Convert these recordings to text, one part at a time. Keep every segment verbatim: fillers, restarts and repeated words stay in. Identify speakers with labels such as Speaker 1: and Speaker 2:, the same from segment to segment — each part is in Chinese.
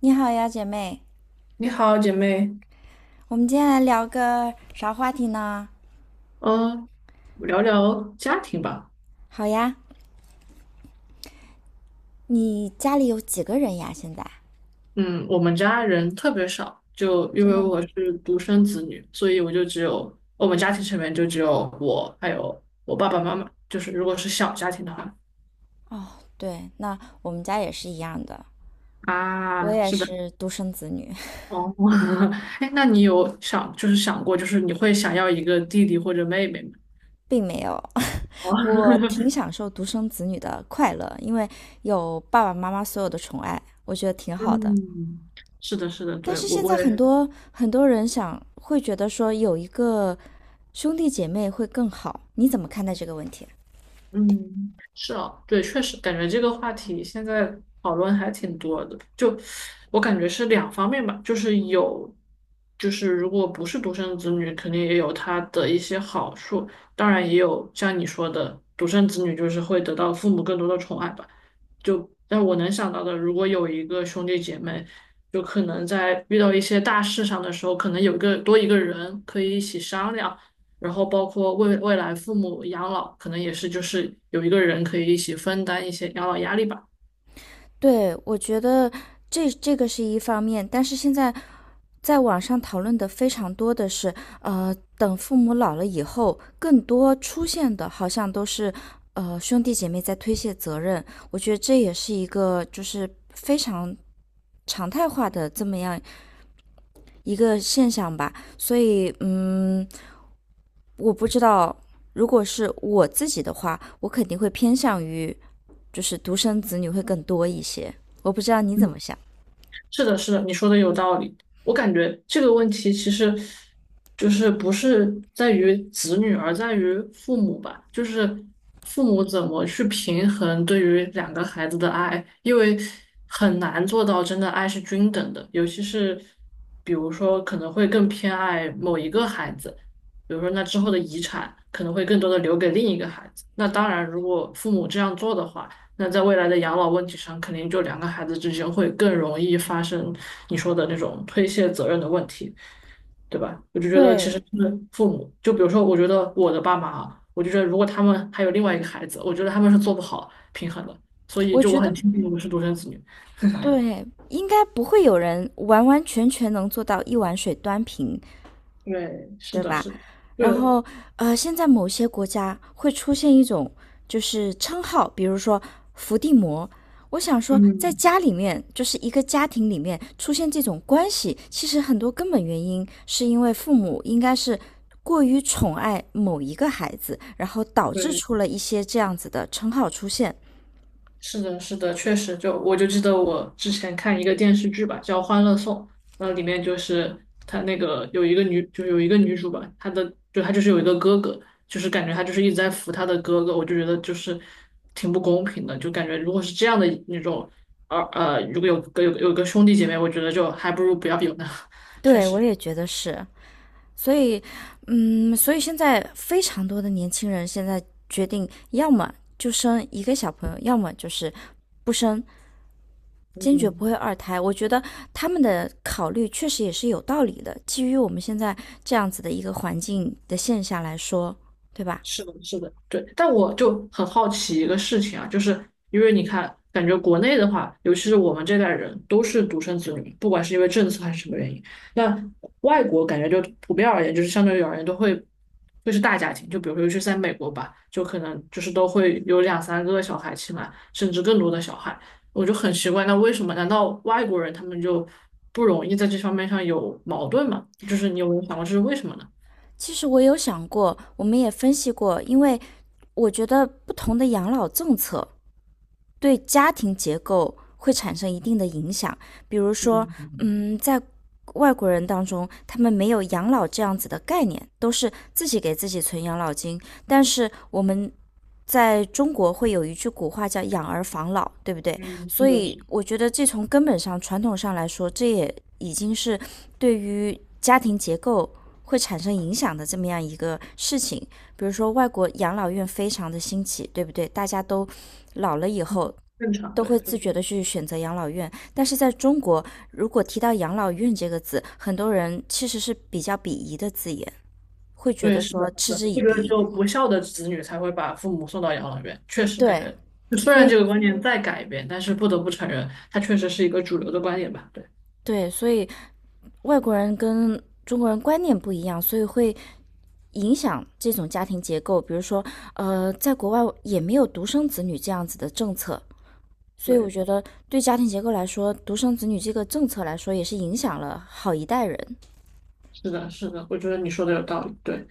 Speaker 1: 你好呀，姐妹，
Speaker 2: 你好，姐妹。
Speaker 1: 我们今天来聊个啥话题呢？
Speaker 2: 嗯，聊聊家庭吧。
Speaker 1: 好呀，你家里有几个人呀？现在
Speaker 2: 嗯，我们家人特别少，就因
Speaker 1: 真
Speaker 2: 为
Speaker 1: 的
Speaker 2: 我
Speaker 1: 吗？
Speaker 2: 是独生子女，所以我就只有我们家庭成员就只有我，还有我爸爸妈妈。就是如果是小家庭的话，
Speaker 1: 哦，对，那我们家也是一样的，我
Speaker 2: 啊，
Speaker 1: 也
Speaker 2: 是的，
Speaker 1: 是独生子女，
Speaker 2: 哦，哎，那你有想就是想过，就是你会想要一个弟弟或者妹妹吗？
Speaker 1: 并没有。
Speaker 2: 哦
Speaker 1: 我 挺享受独生子女的快乐，因为有爸爸妈妈所有的宠爱，我觉得挺好的。
Speaker 2: 嗯，是的，是的，
Speaker 1: 但
Speaker 2: 对，
Speaker 1: 是
Speaker 2: 我
Speaker 1: 现
Speaker 2: 我
Speaker 1: 在很
Speaker 2: 也
Speaker 1: 多很多人想会觉得说有一个兄弟姐妹会更好，你怎么看待这个问题？
Speaker 2: 嗯，是啊，对，确实感觉这个话题现在讨论还挺多的。就我感觉是两方面吧，就是有，就是如果不是独生子女，肯定也有他的一些好处，当然也有像你说的，独生子女就是会得到父母更多的宠爱吧。就但我能想到的，如果有一个兄弟姐妹，就可能在遇到一些大事上的时候，可能有一个多一个人可以一起商量。然后包括未未来父母养老，可能也是就是有一个人可以一起分担一些养老压力吧。嗯，
Speaker 1: 对，我觉得这这个是一方面，但是现在在网上讨论的非常多的是，呃，等父母老了以后，更多出现的好像都是，呃，兄弟姐妹在推卸责任。我觉得这也是一个就是非常常态化的这么样一个现象吧。所以，嗯，我不知道，如果是我自己的话，我肯定会偏向于就是独生子女会更多一些。我不知道你怎么想。
Speaker 2: 是的，是的，你说的有道理。我感觉这个问题其实就是不是在于子女，而在于父母吧，就是父母怎么去平衡对于两个孩子的爱，因为很难做到真的爱是均等的，尤其是比如说可能会更偏爱某一个孩子，比如说那之后的遗产可能会更多的留给另一个孩子。那当然，如果父母这样做的话。那在未来的养老问题上，肯定就两个孩子之间会更容易发生你说的那种推卸责任的问题，对吧？我就觉得其
Speaker 1: 对，
Speaker 2: 实他们父母，就比如说，我觉得我的爸妈啊，我就觉得如果他们还有另外一个孩子，我觉得他们是做不好平衡的，所以
Speaker 1: 我
Speaker 2: 就我
Speaker 1: 觉
Speaker 2: 很
Speaker 1: 得
Speaker 2: 庆幸我是独生子女。
Speaker 1: 对，应该不会有人完完全全能做到一碗水端平，
Speaker 2: 对，是
Speaker 1: 对
Speaker 2: 的，
Speaker 1: 吧？
Speaker 2: 是的，
Speaker 1: 然
Speaker 2: 对，
Speaker 1: 后呃，现在某些国家会出现一种就是称号，比如说伏地魔。我想说，在
Speaker 2: 嗯，
Speaker 1: 家里面，就是一个家庭里面出现这种关系，其实很多根本原因是因为父母应该是过于宠爱某一个孩子，然后导致
Speaker 2: 对。
Speaker 1: 出了一些这样子的称号出现。
Speaker 2: 是的，是的，确实就，我就记得我之前看一个电视剧吧，叫《欢乐颂》，那里面就是她那个有一个女，就有一个女主吧，她的就她就是有一个哥哥，就是感觉她就是一直在扶她的哥哥，我就觉得就是挺不公平的，就感觉如果是这样的那种，呃呃，如果有个有个有个兄弟姐妹，我觉得就还不如不要有呢，确
Speaker 1: 对，我
Speaker 2: 实，
Speaker 1: 也觉得是。所以，嗯，所以现在非常多的年轻人现在决定，要么就生一个小朋友，要么就是不生，坚决不
Speaker 2: 嗯。
Speaker 1: 会二胎。我觉得他们的考虑确实也是有道理的，基于我们现在这样子的一个环境的现象来说，对吧？
Speaker 2: 是的，是的，对。但我就很好奇一个事情啊，就是因为你看，感觉国内的话，尤其是我们这代人都是独生子女，不管是因为政策还是什么原因。那外国感觉就普遍而言，就是相对于而言都会会是大家庭，就比如说尤其是在美国吧，就可能就是都会有两三个小孩起来，甚至更多的小孩。我就很奇怪，那为什么？难道外国人他们就不容易在这方面上有矛盾吗？就是你有没有想过这是为什么呢？
Speaker 1: 其实我有想过，我们也分析过，因为我觉得不同的养老政策，对家庭结构会产生一定的影响。比如说，
Speaker 2: 嗯，
Speaker 1: 嗯，在外国人当中，他们没有养老这样子的概念，都是自己给自己存养老金。但是我们在中国会有一句古话叫“养儿防老”，对不对？
Speaker 2: 嗯，是
Speaker 1: 所
Speaker 2: 的，
Speaker 1: 以
Speaker 2: 是的。
Speaker 1: 我觉得这从根本上、传统上来说，这也已经是对于家庭结构会产生影响的这么样一个事情。比如说，外国养老院非常的兴起，对不对？大家都老了以后。
Speaker 2: 正常，
Speaker 1: 都
Speaker 2: 对，
Speaker 1: 会
Speaker 2: 就
Speaker 1: 自
Speaker 2: 是
Speaker 1: 觉的去选择养老院，但是在中国，如果提到养老院这个字，很多人其实是比较鄙夷的字眼，会觉得
Speaker 2: 对，是的，
Speaker 1: 说
Speaker 2: 是
Speaker 1: 嗤
Speaker 2: 的，
Speaker 1: 之以
Speaker 2: 这个只
Speaker 1: 鼻。
Speaker 2: 有不孝的子女才会把父母送到养老院。确实，感
Speaker 1: 对，
Speaker 2: 觉就虽
Speaker 1: 所
Speaker 2: 然
Speaker 1: 以
Speaker 2: 这个观念在改变，但是不得不承认，它确实是一个主流的观点吧？对，
Speaker 1: 对，所以外国人跟中国人观念不一样，所以会影响这种家庭结构。比如说，呃，在国外也没有独生子女这样子的政策，所以我
Speaker 2: 对。
Speaker 1: 觉得对家庭结构来说，独生子女这个政策来说也是影响了好一代人。
Speaker 2: 是的，是的，我觉得你说的有道理，对，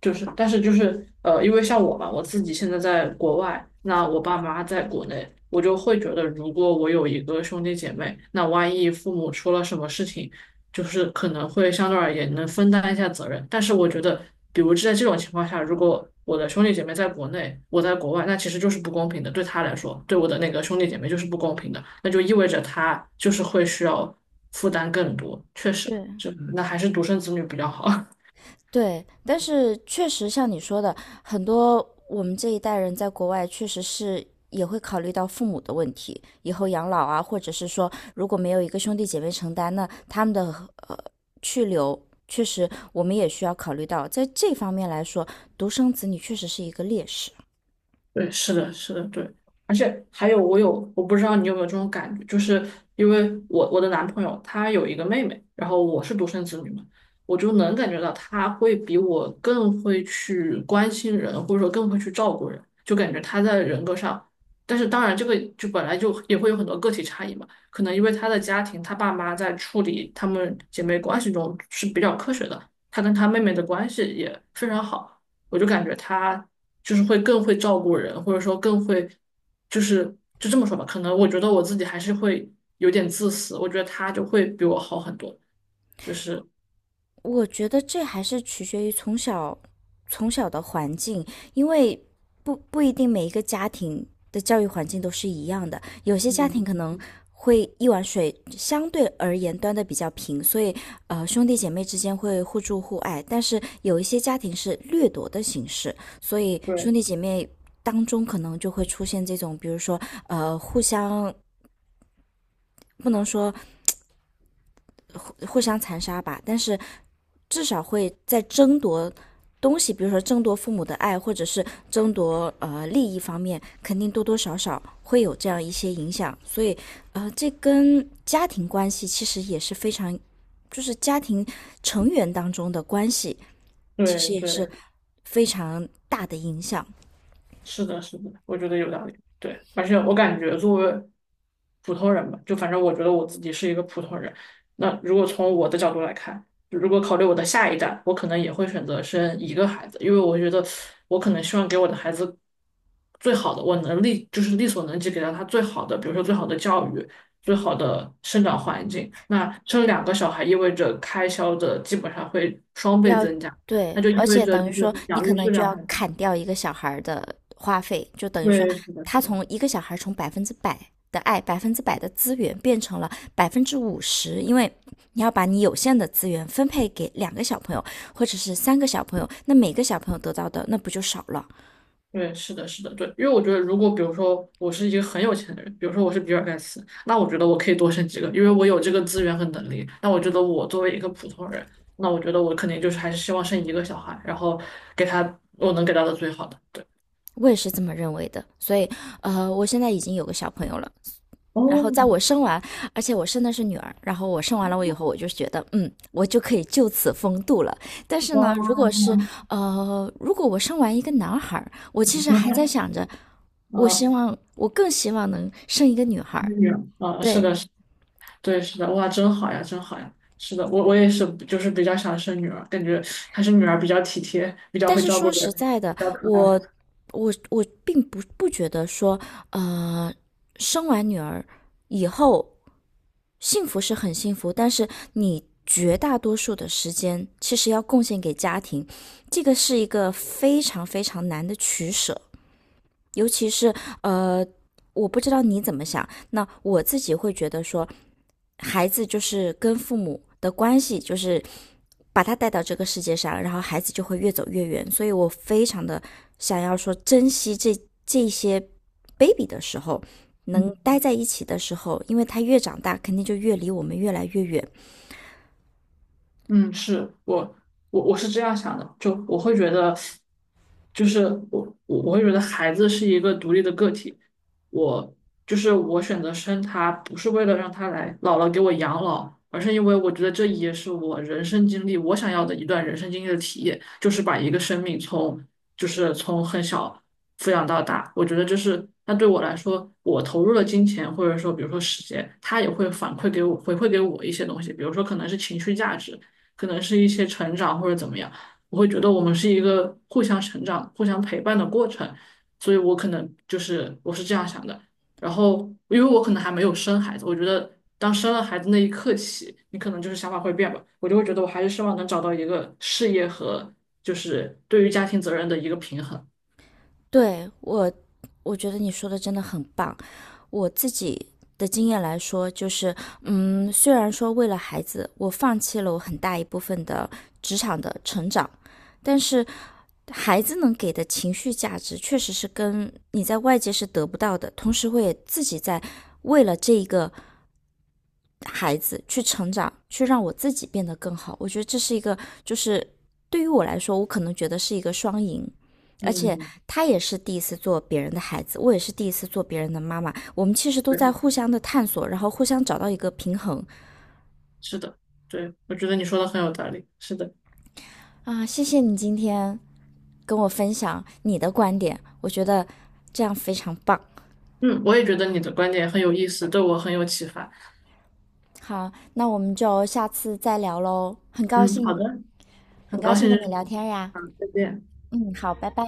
Speaker 2: 就是，但是就是呃，因为像我嘛，我自己现在在国外，那我爸妈在国内，我就会觉得，如果我有一个兄弟姐妹，那万一父母出了什么事情，就是可能会相对而言能分担一下责任。但是我觉得，比如在这种情况下，如果我的兄弟姐妹在国内，我在国外，那其实就是不公平的，对他来说，对我的那个兄弟姐妹就是不公平的，那就意味着他就是会需要负担更多，确实。
Speaker 1: 对，
Speaker 2: 就那还是独生子女比较好。
Speaker 1: 对，但是确实像你说的，很多我们这一代人在国外确实是也会考虑到父母的问题，以后养老啊，或者是说如果没有一个兄弟姐妹承担，那他们的呃去留，确实我们也需要考虑到，在这方面来说，独生子女确实是一个劣势。
Speaker 2: 对，是的，是的，对，而且还有，我有，我不知道你有没有这种感觉，就是因为我我的男朋友他有一个妹妹，然后我是独生子女嘛，我就能感觉到他会比我更会去关心人，或者说更会去照顾人，就感觉他在人格上，但是当然这个就本来就也会有很多个体差异嘛，可能因为他的家庭，他爸妈在处理他们姐妹关系中是比较科学的，他跟他妹妹的关系也非常好。我就感觉他就是会更会照顾人，或者说更会，就是就这么说吧，可能我觉得我自己还是会有点自私，我觉得他就会比我好很多，就是
Speaker 1: 我觉得这还是取决于从小从小的环境，因为不不一定每一个家庭的教育环境都是一样的，有些家庭
Speaker 2: 嗯，
Speaker 1: 可能会一碗水相对而言端的比较平，所以呃兄弟姐妹之间会互助互爱，但是有一些家庭是掠夺的形式，所以兄
Speaker 2: 对，
Speaker 1: 弟姐妹当中可能就会出现这种，比如说呃互相。不能说互相残杀吧，但是至少会在争夺东西，比如说争夺父母的爱，或者是争夺呃利益方面，肯定多多少少会有这样一些影响。所以，呃，这跟家庭关系其实也是非常，就是家庭成员当中的关系，其
Speaker 2: 对
Speaker 1: 实也是
Speaker 2: 对，
Speaker 1: 非常大的影响。
Speaker 2: 是的，是的，我觉得有道理。对，而且我感觉作为普通人吧，就反正我觉得我自己是一个普通人。那如果从我的角度来看，如果考虑我的下一代，我可能也会选择生一个孩子，因为我觉得我可能希望给我的孩子最好的，我能力就是力所能及给到他最好的，比如说最好的教育、最好的生长环境。那生两个小孩意味着开销的基本上会双倍
Speaker 1: 要
Speaker 2: 增加，
Speaker 1: 对，
Speaker 2: 那就意
Speaker 1: 而
Speaker 2: 味
Speaker 1: 且
Speaker 2: 着
Speaker 1: 等于
Speaker 2: 就
Speaker 1: 说
Speaker 2: 是
Speaker 1: 你
Speaker 2: 养
Speaker 1: 可
Speaker 2: 育
Speaker 1: 能
Speaker 2: 质
Speaker 1: 就
Speaker 2: 量
Speaker 1: 要
Speaker 2: 会，
Speaker 1: 砍掉一个小孩儿的花费，就等于说
Speaker 2: 对，是的，
Speaker 1: 他
Speaker 2: 是的。
Speaker 1: 从一个小孩儿从百分之百的爱、百分之百的资源变成了百分之五十，因为你要把你有限的资源分配给两个小朋友或者是三个小朋友，那每个小朋友得到的那不就少了？
Speaker 2: 对，是的，是的，对，因为我觉得，如果比如说我是一个很有钱的人，比如说我是比尔盖茨，那我觉得我可以多生几个，因为我有这个资源和能力。那我觉得我作为一个普通人，那我觉得我肯定就是还是希望生一个小孩，然后给他我能给到的最好的。对，
Speaker 1: 我也是这么认为的，所以呃，我现在已经有个小朋友了，然后在我
Speaker 2: 哦，
Speaker 1: 生完，而且我生的是女儿，然后我生完了我以后，我就觉得，嗯，我就可以就此风度了。但是
Speaker 2: 哇，
Speaker 1: 呢，如果是呃，如果我生完一个男孩儿我其实还在 想着，我希
Speaker 2: 啊，
Speaker 1: 望我更希望能生一个女孩儿
Speaker 2: 女儿，啊，是
Speaker 1: 对，
Speaker 2: 的，是对，是的，哇，真好呀，真好呀，是的，我我也是，就是比较想生女儿，感觉还是女儿比较体贴，比较
Speaker 1: 但
Speaker 2: 会
Speaker 1: 是
Speaker 2: 照顾
Speaker 1: 说实
Speaker 2: 人，
Speaker 1: 在的，
Speaker 2: 比较可爱。
Speaker 1: 我我我并不不觉得说，呃，生完女儿以后幸福是很幸福，但是你绝大多数的时间其实要贡献给家庭，这个是一个非常非常难的取舍。尤其是呃，我不知道你怎么想，那我自己会觉得说，孩子就是跟父母的关系，就是把他带到这个世界上，然后孩子就会越走越远。所以我非常的想要说，珍惜这这些 baby 的时候，能
Speaker 2: 嗯。
Speaker 1: 待在一起的时候，因为他越长大，肯定就越离我们越来越远。
Speaker 2: 嗯，是我我我是这样想的，就我会觉得，就是我我我会觉得孩子是一个独立的个体，我就是我选择生他，不是为了让他来姥姥给我养老，而是因为我觉得这也是我人生经历，我想要的一段人生经历的体验，就是把一个生命从就是从很小抚养到大，我觉得这是那对我来说，我投入了金钱或者说比如说时间，他也会反馈给我回馈给我一些东西，比如说可能是情绪价值。可能是一些成长或者怎么样，我会觉得我们是一个互相成长、互相陪伴的过程，所以我可能就是我是这样想的。然后，因为我可能还没有生孩子，我觉得当生了孩子那一刻起，你可能就是想法会变吧。我就会觉得我还是希望能找到一个事业和就是对于家庭责任的一个平衡。
Speaker 1: 对，我，我觉得你说的真的很棒。我自己的经验来说，就是，嗯，虽然说为了孩子，我放弃了我很大一部分的职场的成长，但是孩子能给的情绪价值，确实是跟你在外界是得不到的，同时会自己在为了这一个孩子去成长，去让我自己变得更好。我觉得这是一个，就是对于我来说，我可能觉得是一个双赢。而且
Speaker 2: 嗯，
Speaker 1: 他也是第一次做别人的孩子，我也是第一次做别人的妈妈。我们其实都
Speaker 2: 对，
Speaker 1: 在互相的探索，然后互相找到一个平衡
Speaker 2: 是的，对，我觉得你说的很有道理。是的，
Speaker 1: 啊！谢谢你今天跟我分享你的观点，我觉得这样非常棒。
Speaker 2: 嗯，我也觉得你的观点很有意思，对我很有启发。
Speaker 1: 好，那我们就下次再聊喽。很高
Speaker 2: 嗯，
Speaker 1: 兴，
Speaker 2: 好的，
Speaker 1: 很
Speaker 2: 很
Speaker 1: 高
Speaker 2: 高
Speaker 1: 兴
Speaker 2: 兴认
Speaker 1: 跟你
Speaker 2: 识
Speaker 1: 聊
Speaker 2: 你，
Speaker 1: 天呀。
Speaker 2: 好，再见。
Speaker 1: 嗯，好，拜拜。